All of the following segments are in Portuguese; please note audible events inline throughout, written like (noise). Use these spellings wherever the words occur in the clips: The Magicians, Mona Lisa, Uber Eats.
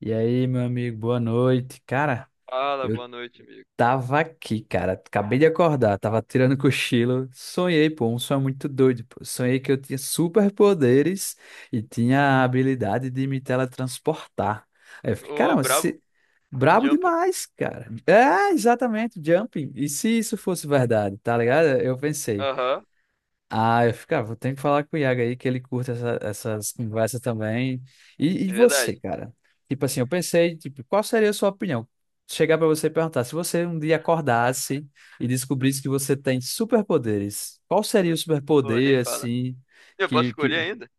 E aí, meu amigo, boa noite. Cara, Fala, eu boa noite, amigo. tava aqui, cara. Acabei de acordar, tava tirando cochilo. Sonhei, pô, um sonho muito doido, pô. Sonhei que eu tinha superpoderes e tinha a habilidade de me teletransportar. Aí eu fiquei, Ô, caramba, brabo. se... brabo Jumper. demais, cara. É, exatamente, jumping. E se isso fosse verdade, tá ligado? Eu pensei. Aham, Ah, eu ficava, tem que falar com o Iago aí que ele curta essas conversas também. E é você, verdade. cara? Tipo assim, eu pensei, tipo, qual seria a sua opinião? Chegar pra você e perguntar, se você um dia acordasse e descobrisse que você tem superpoderes, qual seria o Pô, nem superpoder fala. assim Eu posso que, escolher que... ainda?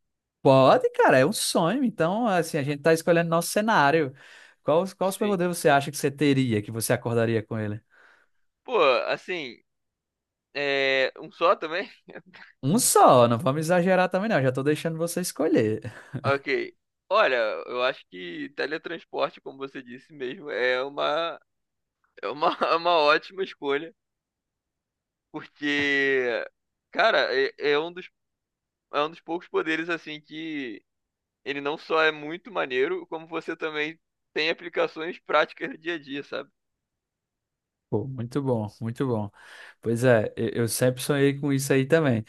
Pode, cara, é um sonho. Então, assim, a gente tá escolhendo nosso cenário. Qual Sim. superpoder você acha que você teria, que você acordaria com ele? Pô, assim, um só também? (laughs) Um só, não vamos exagerar também não, já tô deixando você escolher. Ok. Olha, eu acho que teletransporte, como você disse mesmo, (laughs) é uma ótima escolha, porque, cara, é um dos poucos poderes, assim, que ele não só é muito maneiro, como você também tem aplicações práticas do dia a dia, sabe? Pô, muito bom, muito bom. Pois é, eu sempre sonhei com isso aí também,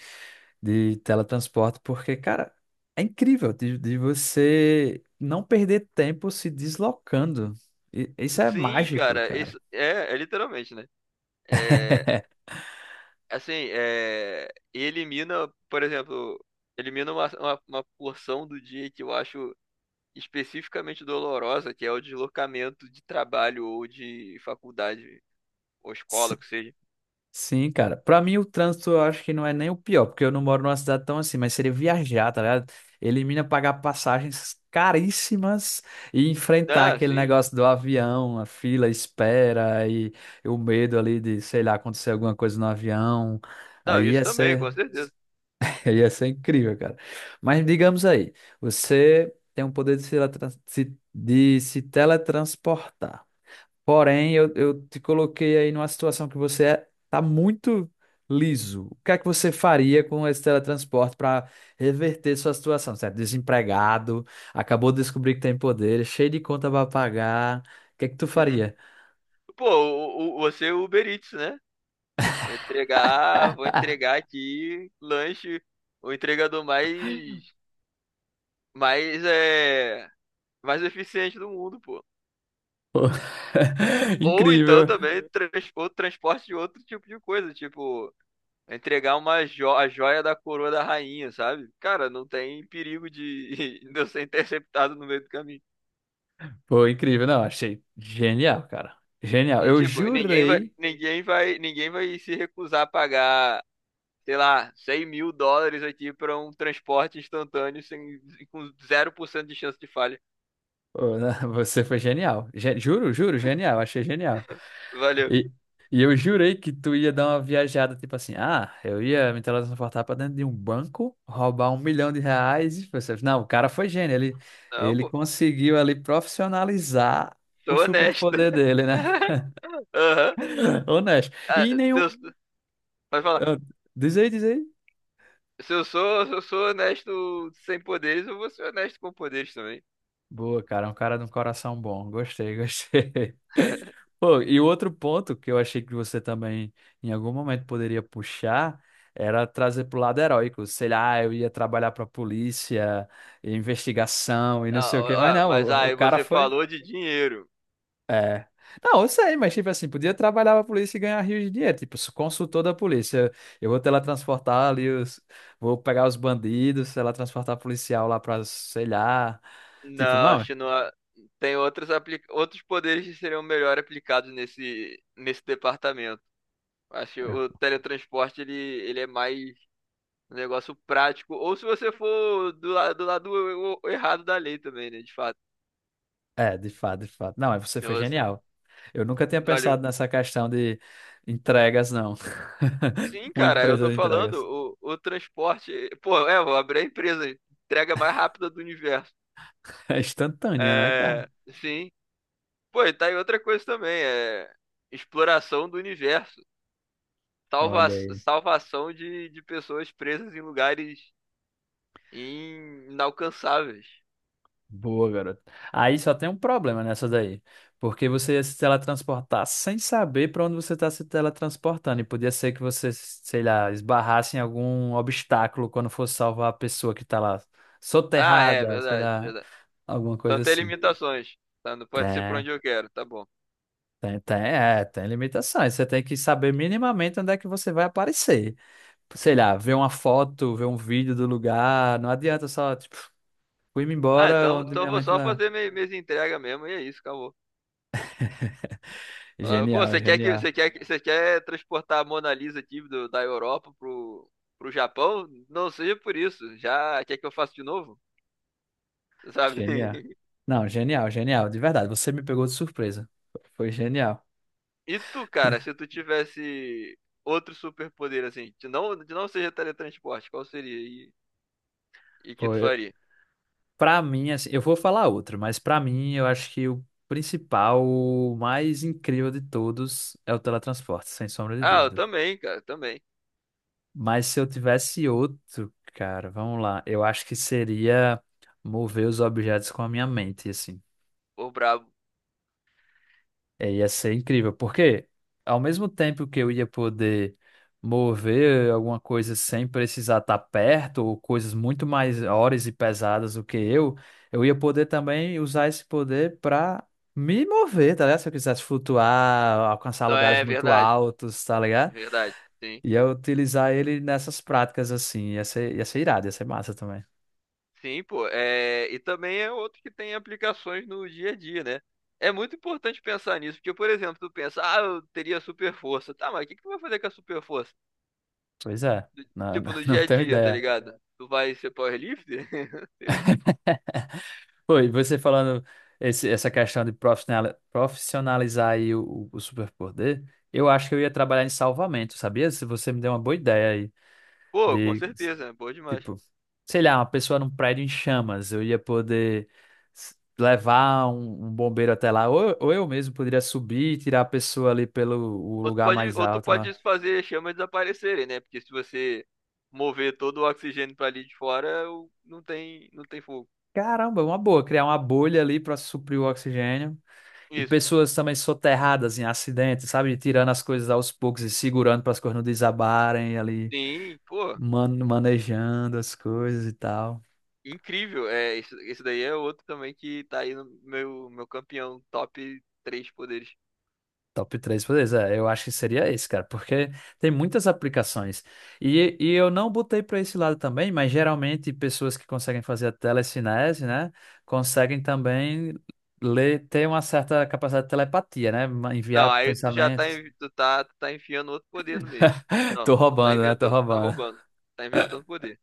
de teletransporte, porque, cara, é incrível de você não perder tempo se deslocando. Isso é Sim, mágico, cara, cara. isso é, é literalmente, né? É, (laughs) assim, é, e elimina, por exemplo, elimina uma porção do dia que eu acho especificamente dolorosa, que é o deslocamento de trabalho ou de faculdade ou escola, que seja. Sim, cara. Pra mim, o trânsito eu acho que não é nem o pior, porque eu não moro numa cidade tão assim, mas seria viajar, tá ligado? Elimina pagar passagens caríssimas e enfrentar Ah, aquele sim. negócio do avião, a fila, a espera e o medo ali de, sei lá, acontecer alguma coisa no avião. Não, Aí isso ia também, ser, com certeza. (laughs) ia ser incrível, cara. Mas digamos aí, você tem o poder de se, teletran- se- de se teletransportar. Porém, eu te coloquei aí numa situação que você tá muito liso. O que é que você faria com esse teletransporte para reverter sua situação? Certo? Desempregado, acabou de descobrir que tem poder, cheio de conta para pagar. O que é que tu Uhum. faria? Pô, você é Uber Eats, né? Vou entregar aqui lanche, o entregador mais é mais eficiente do mundo, pô. Pô, (laughs) Ou então incrível. também outro transporte de outro tipo de coisa, tipo entregar uma jo a joia da coroa da rainha, sabe? Cara, não tem perigo de, (laughs) de eu ser interceptado no meio do caminho. Pô, incrível. Não, achei genial, cara. Genial. E Eu tipo, jurei. Ninguém vai se recusar a pagar, sei lá, 100 mil dólares aqui pra um transporte instantâneo sem, com zero por cento de chance de falha. Pô, (laughs) você foi genial. Juro, juro, genial. Achei genial. Valeu. E, e eu jurei que tu ia dar uma viajada, tipo assim, ah, eu ia me teletransportar pra dentro de um banco, roubar 1 milhão de reais. E você, não, o cara foi gênio, ele, Não, ele pô, conseguiu ali profissionalizar o sou honesto. superpoder dele, né? (laughs) Aham. (laughs) Honesto. Ah, E nenhum. seus- Pode falar. ah, Diz aí, diz aí. Se eu sou honesto sem poderes, eu vou ser honesto com poderes também. Boa, cara, é um cara de um coração bom. Gostei, gostei. (laughs) (laughs) Pô, e o outro ponto que eu achei que você também em algum momento poderia puxar era trazer pro lado heróico. Sei lá, eu ia trabalhar pra polícia, investigação e não sei o quê, mas Ah, ah, não, mas o aí cara você foi. falou de dinheiro. É. Não, eu sei, mas tipo assim, podia trabalhar pra polícia e ganhar rios de dinheiro. Tipo, sou consultor da polícia. Eu vou teletransportar ali os. Vou pegar os bandidos, teletransportar policial lá pra, sei lá. Tipo, Não, não. acho que não. Tem outros, outros poderes que seriam melhor aplicados nesse departamento. Acho que o teletransporte ele é mais um negócio prático. Ou se você for do, do lado errado da lei também, né? De fato. É, de fato, de fato. Não, mas você foi Então, genial. Eu nunca tinha Olha, pensado nessa questão de entregas, não. sim, (laughs) Uma cara, eu empresa tô de entregas. (laughs) falando, o transporte. Pô, é, vou abrir a empresa, entrega mais rápida do universo. É instantânea, né, cara? É, sim. Pô, e tá aí outra coisa também, é exploração do universo. Olha aí. Salvação de pessoas presas em lugares inalcançáveis. Boa, garoto. Aí só tem um problema nessa daí. Porque você ia se teletransportar sem saber para onde você está se teletransportando. E podia ser que você, sei lá, esbarrasse em algum obstáculo quando fosse salvar a pessoa que está lá Ah, é, soterrada, sei verdade, lá, verdade. alguma Então coisa tem assim. limitações. Tá, não pode ser pra É. onde eu quero, tá bom. Tem limitações. Você tem que saber minimamente onde é que você vai aparecer. Sei lá, ver uma foto, ver um vídeo do lugar. Não adianta só, tipo, fui-me Ah, embora então, onde então eu minha vou mente só não. fazer minhas entregas mesmo, e é isso, acabou. Falava, pô, Genial, genial, você quer transportar a Mona Lisa aqui da Europa pro Japão? Não seja por isso. Já quer que eu faça de novo? Sabe? genial. (laughs) Não, genial, genial. De verdade, você me pegou de surpresa. Foi genial. E tu, cara, se tu tivesse outro superpoder assim, que não seja teletransporte, qual seria e que Pô, tu eu, faria? pra mim, assim, eu vou falar outro, mas pra mim, eu acho que o principal, o mais incrível de todos é o teletransporte, sem sombra de Ah, eu dúvida. também, cara, também. Mas se eu tivesse outro, cara, vamos lá. Eu acho que seria mover os objetos com a minha mente, assim. Pô, brabo. É, ia ser incrível, porque ao mesmo tempo que eu ia poder mover alguma coisa sem precisar estar perto, ou coisas muito maiores e pesadas do que eu ia poder também usar esse poder para me mover, tá ligado? Se eu quisesse flutuar, alcançar Não lugares é muito verdade, altos, tá ligado? verdade. Sim. Ia utilizar ele nessas práticas assim, ia ser irado, ia ser massa também. Sim, pô. É, e também é outro que tem aplicações no dia a dia, né? É muito importante pensar nisso, porque, por exemplo, tu pensa, ah, eu teria super força. Tá, mas o que que tu vai fazer com a super força? Pois é, Do- não, não Tipo, no (laughs) não dia a tenho dia, tá ideia. ligado? Tu vai ser powerlifter? (laughs) Pô, e você falando essa questão de profissionalizar aí o superpoder, eu acho que eu ia trabalhar em salvamento, sabia? Se você me deu uma boa ideia aí Pô, com de, certeza, né? Boa demais. tipo, sei lá, uma pessoa num prédio em chamas, eu ia poder levar um bombeiro até lá, ou eu mesmo poderia subir e tirar a pessoa ali pelo o lugar mais Ou tu alto lá. pode fazer chamas desaparecerem, né? Porque se você mover todo o oxigênio pra ali de fora, não tem, não tem fogo. Caramba, uma boa, criar uma bolha ali para suprir o oxigênio. E Isso. pessoas também soterradas em acidentes, sabe? Tirando as coisas aos poucos e segurando para as coisas não desabarem ali, Sim, pô. Manejando as coisas e tal. Incrível, é, isso daí é outro também que tá aí no meu, meu campeão, top 3 poderes. Top 3 poderes, é, eu acho que seria esse, cara, porque tem muitas aplicações. E eu não botei para esse lado também, mas geralmente pessoas que conseguem fazer a telecinese, né, conseguem também ler, ter uma certa capacidade de telepatia, né, Não, enviar aí tu já tá, pensamentos. Tu tá, tu tá enfiando outro poder no meio. (laughs) Não, Tô tu tá roubando, né? Tô inventando, tá roubando. roubando. Tá inventando poder.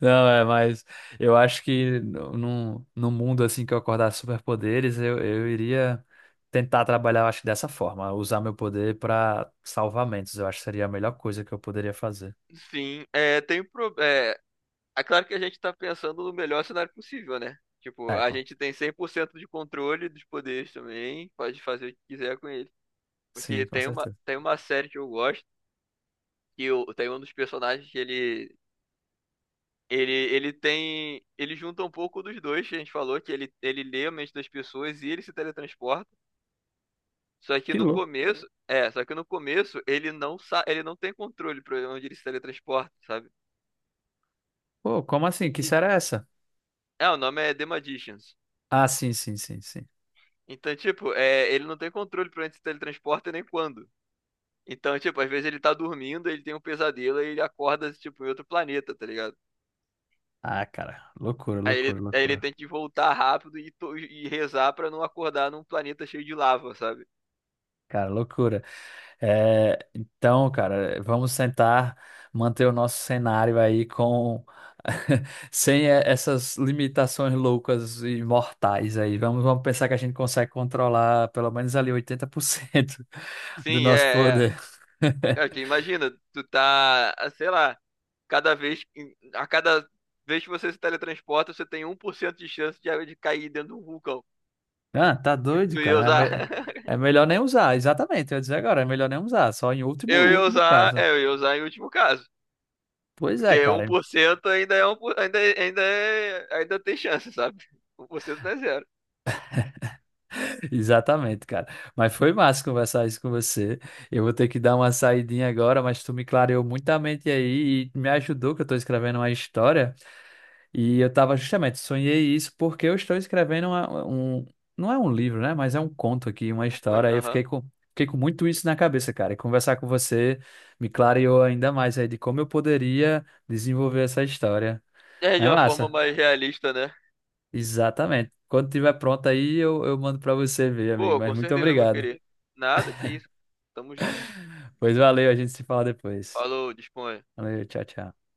Não, é, mas eu acho que no, num- num mundo assim que eu acordasse superpoderes, eu iria tentar trabalhar, eu acho, dessa forma, usar meu poder para salvamentos. Eu acho que seria a melhor coisa que eu poderia fazer. Sim, é, tem um pro, é, é claro que a gente tá pensando no melhor cenário possível, né? Tipo, É, a gente tem 100% de controle dos poderes também, pode fazer o que quiser com ele. sim, Porque com certeza. tem uma série que eu gosto, tem um dos personagens que ele Ele, ele tem. Ele junta um pouco dos dois que a gente falou, que ele lê a mente das pessoas e ele se teletransporta. Só que Que no louco. começo. É, só que no começo ele não sa ele não tem controle pra onde ele se teletransporta, sabe? Pô, como E, assim? Que e- série é essa? é, o nome é The Magicians. Ah, sim, sim, sim, sim. Então, tipo, é, ele não tem controle pra onde se teletransporta nem quando. Então, tipo, às vezes ele tá dormindo, ele tem um pesadelo e ele acorda, tipo, em outro planeta, tá ligado? Ah, cara, loucura, loucura, Aí ele loucura. tem que voltar rápido e, e rezar pra não acordar num planeta cheio de lava, sabe? Cara, loucura. É, então, cara, vamos tentar manter o nosso cenário aí com (laughs) sem essas limitações loucas e mortais aí. Vamos pensar que a gente consegue controlar pelo menos ali 80% (laughs) do Sim, nosso é, é. poder. Cara, que (laughs) imagina, tu tá, ah, sei lá, a cada vez que você se teletransporta, você tem um por cento de chance de cair dentro de um vulcão. Ah, tá E doido, tu ia cara. É, usar, é (laughs) melhor nem usar, exatamente. Eu ia dizer agora, é melhor nem usar, só em último, eu ia último usar, caso. é, eu ia usar em último caso, Pois é, porque um cara. por cento ainda é ainda, ainda é, ainda tem chance, sabe? 1% não é zero. Exatamente, cara. Mas foi massa conversar isso com você. Eu vou ter que dar uma saidinha agora, mas tu me clareou muito a mente aí e me ajudou que eu tô escrevendo uma história e eu tava justamente, sonhei isso porque eu estou escrevendo não é um livro, né, mas é um conto aqui, uma Mas, história. Aí eu aham. fiquei com, muito isso na cabeça, cara. E conversar com você me clareou ainda mais aí de como eu poderia desenvolver essa história. É Não de é uma forma massa? mais realista, né? Exatamente. Quando tiver pronto aí, eu mando pra você ver, amigo. Pô, Mas com muito certeza eu vou obrigado. querer. Nada, que isso. Tamo junto. Pois valeu, a gente se fala depois. Falou, dispõe. Valeu, tchau, tchau.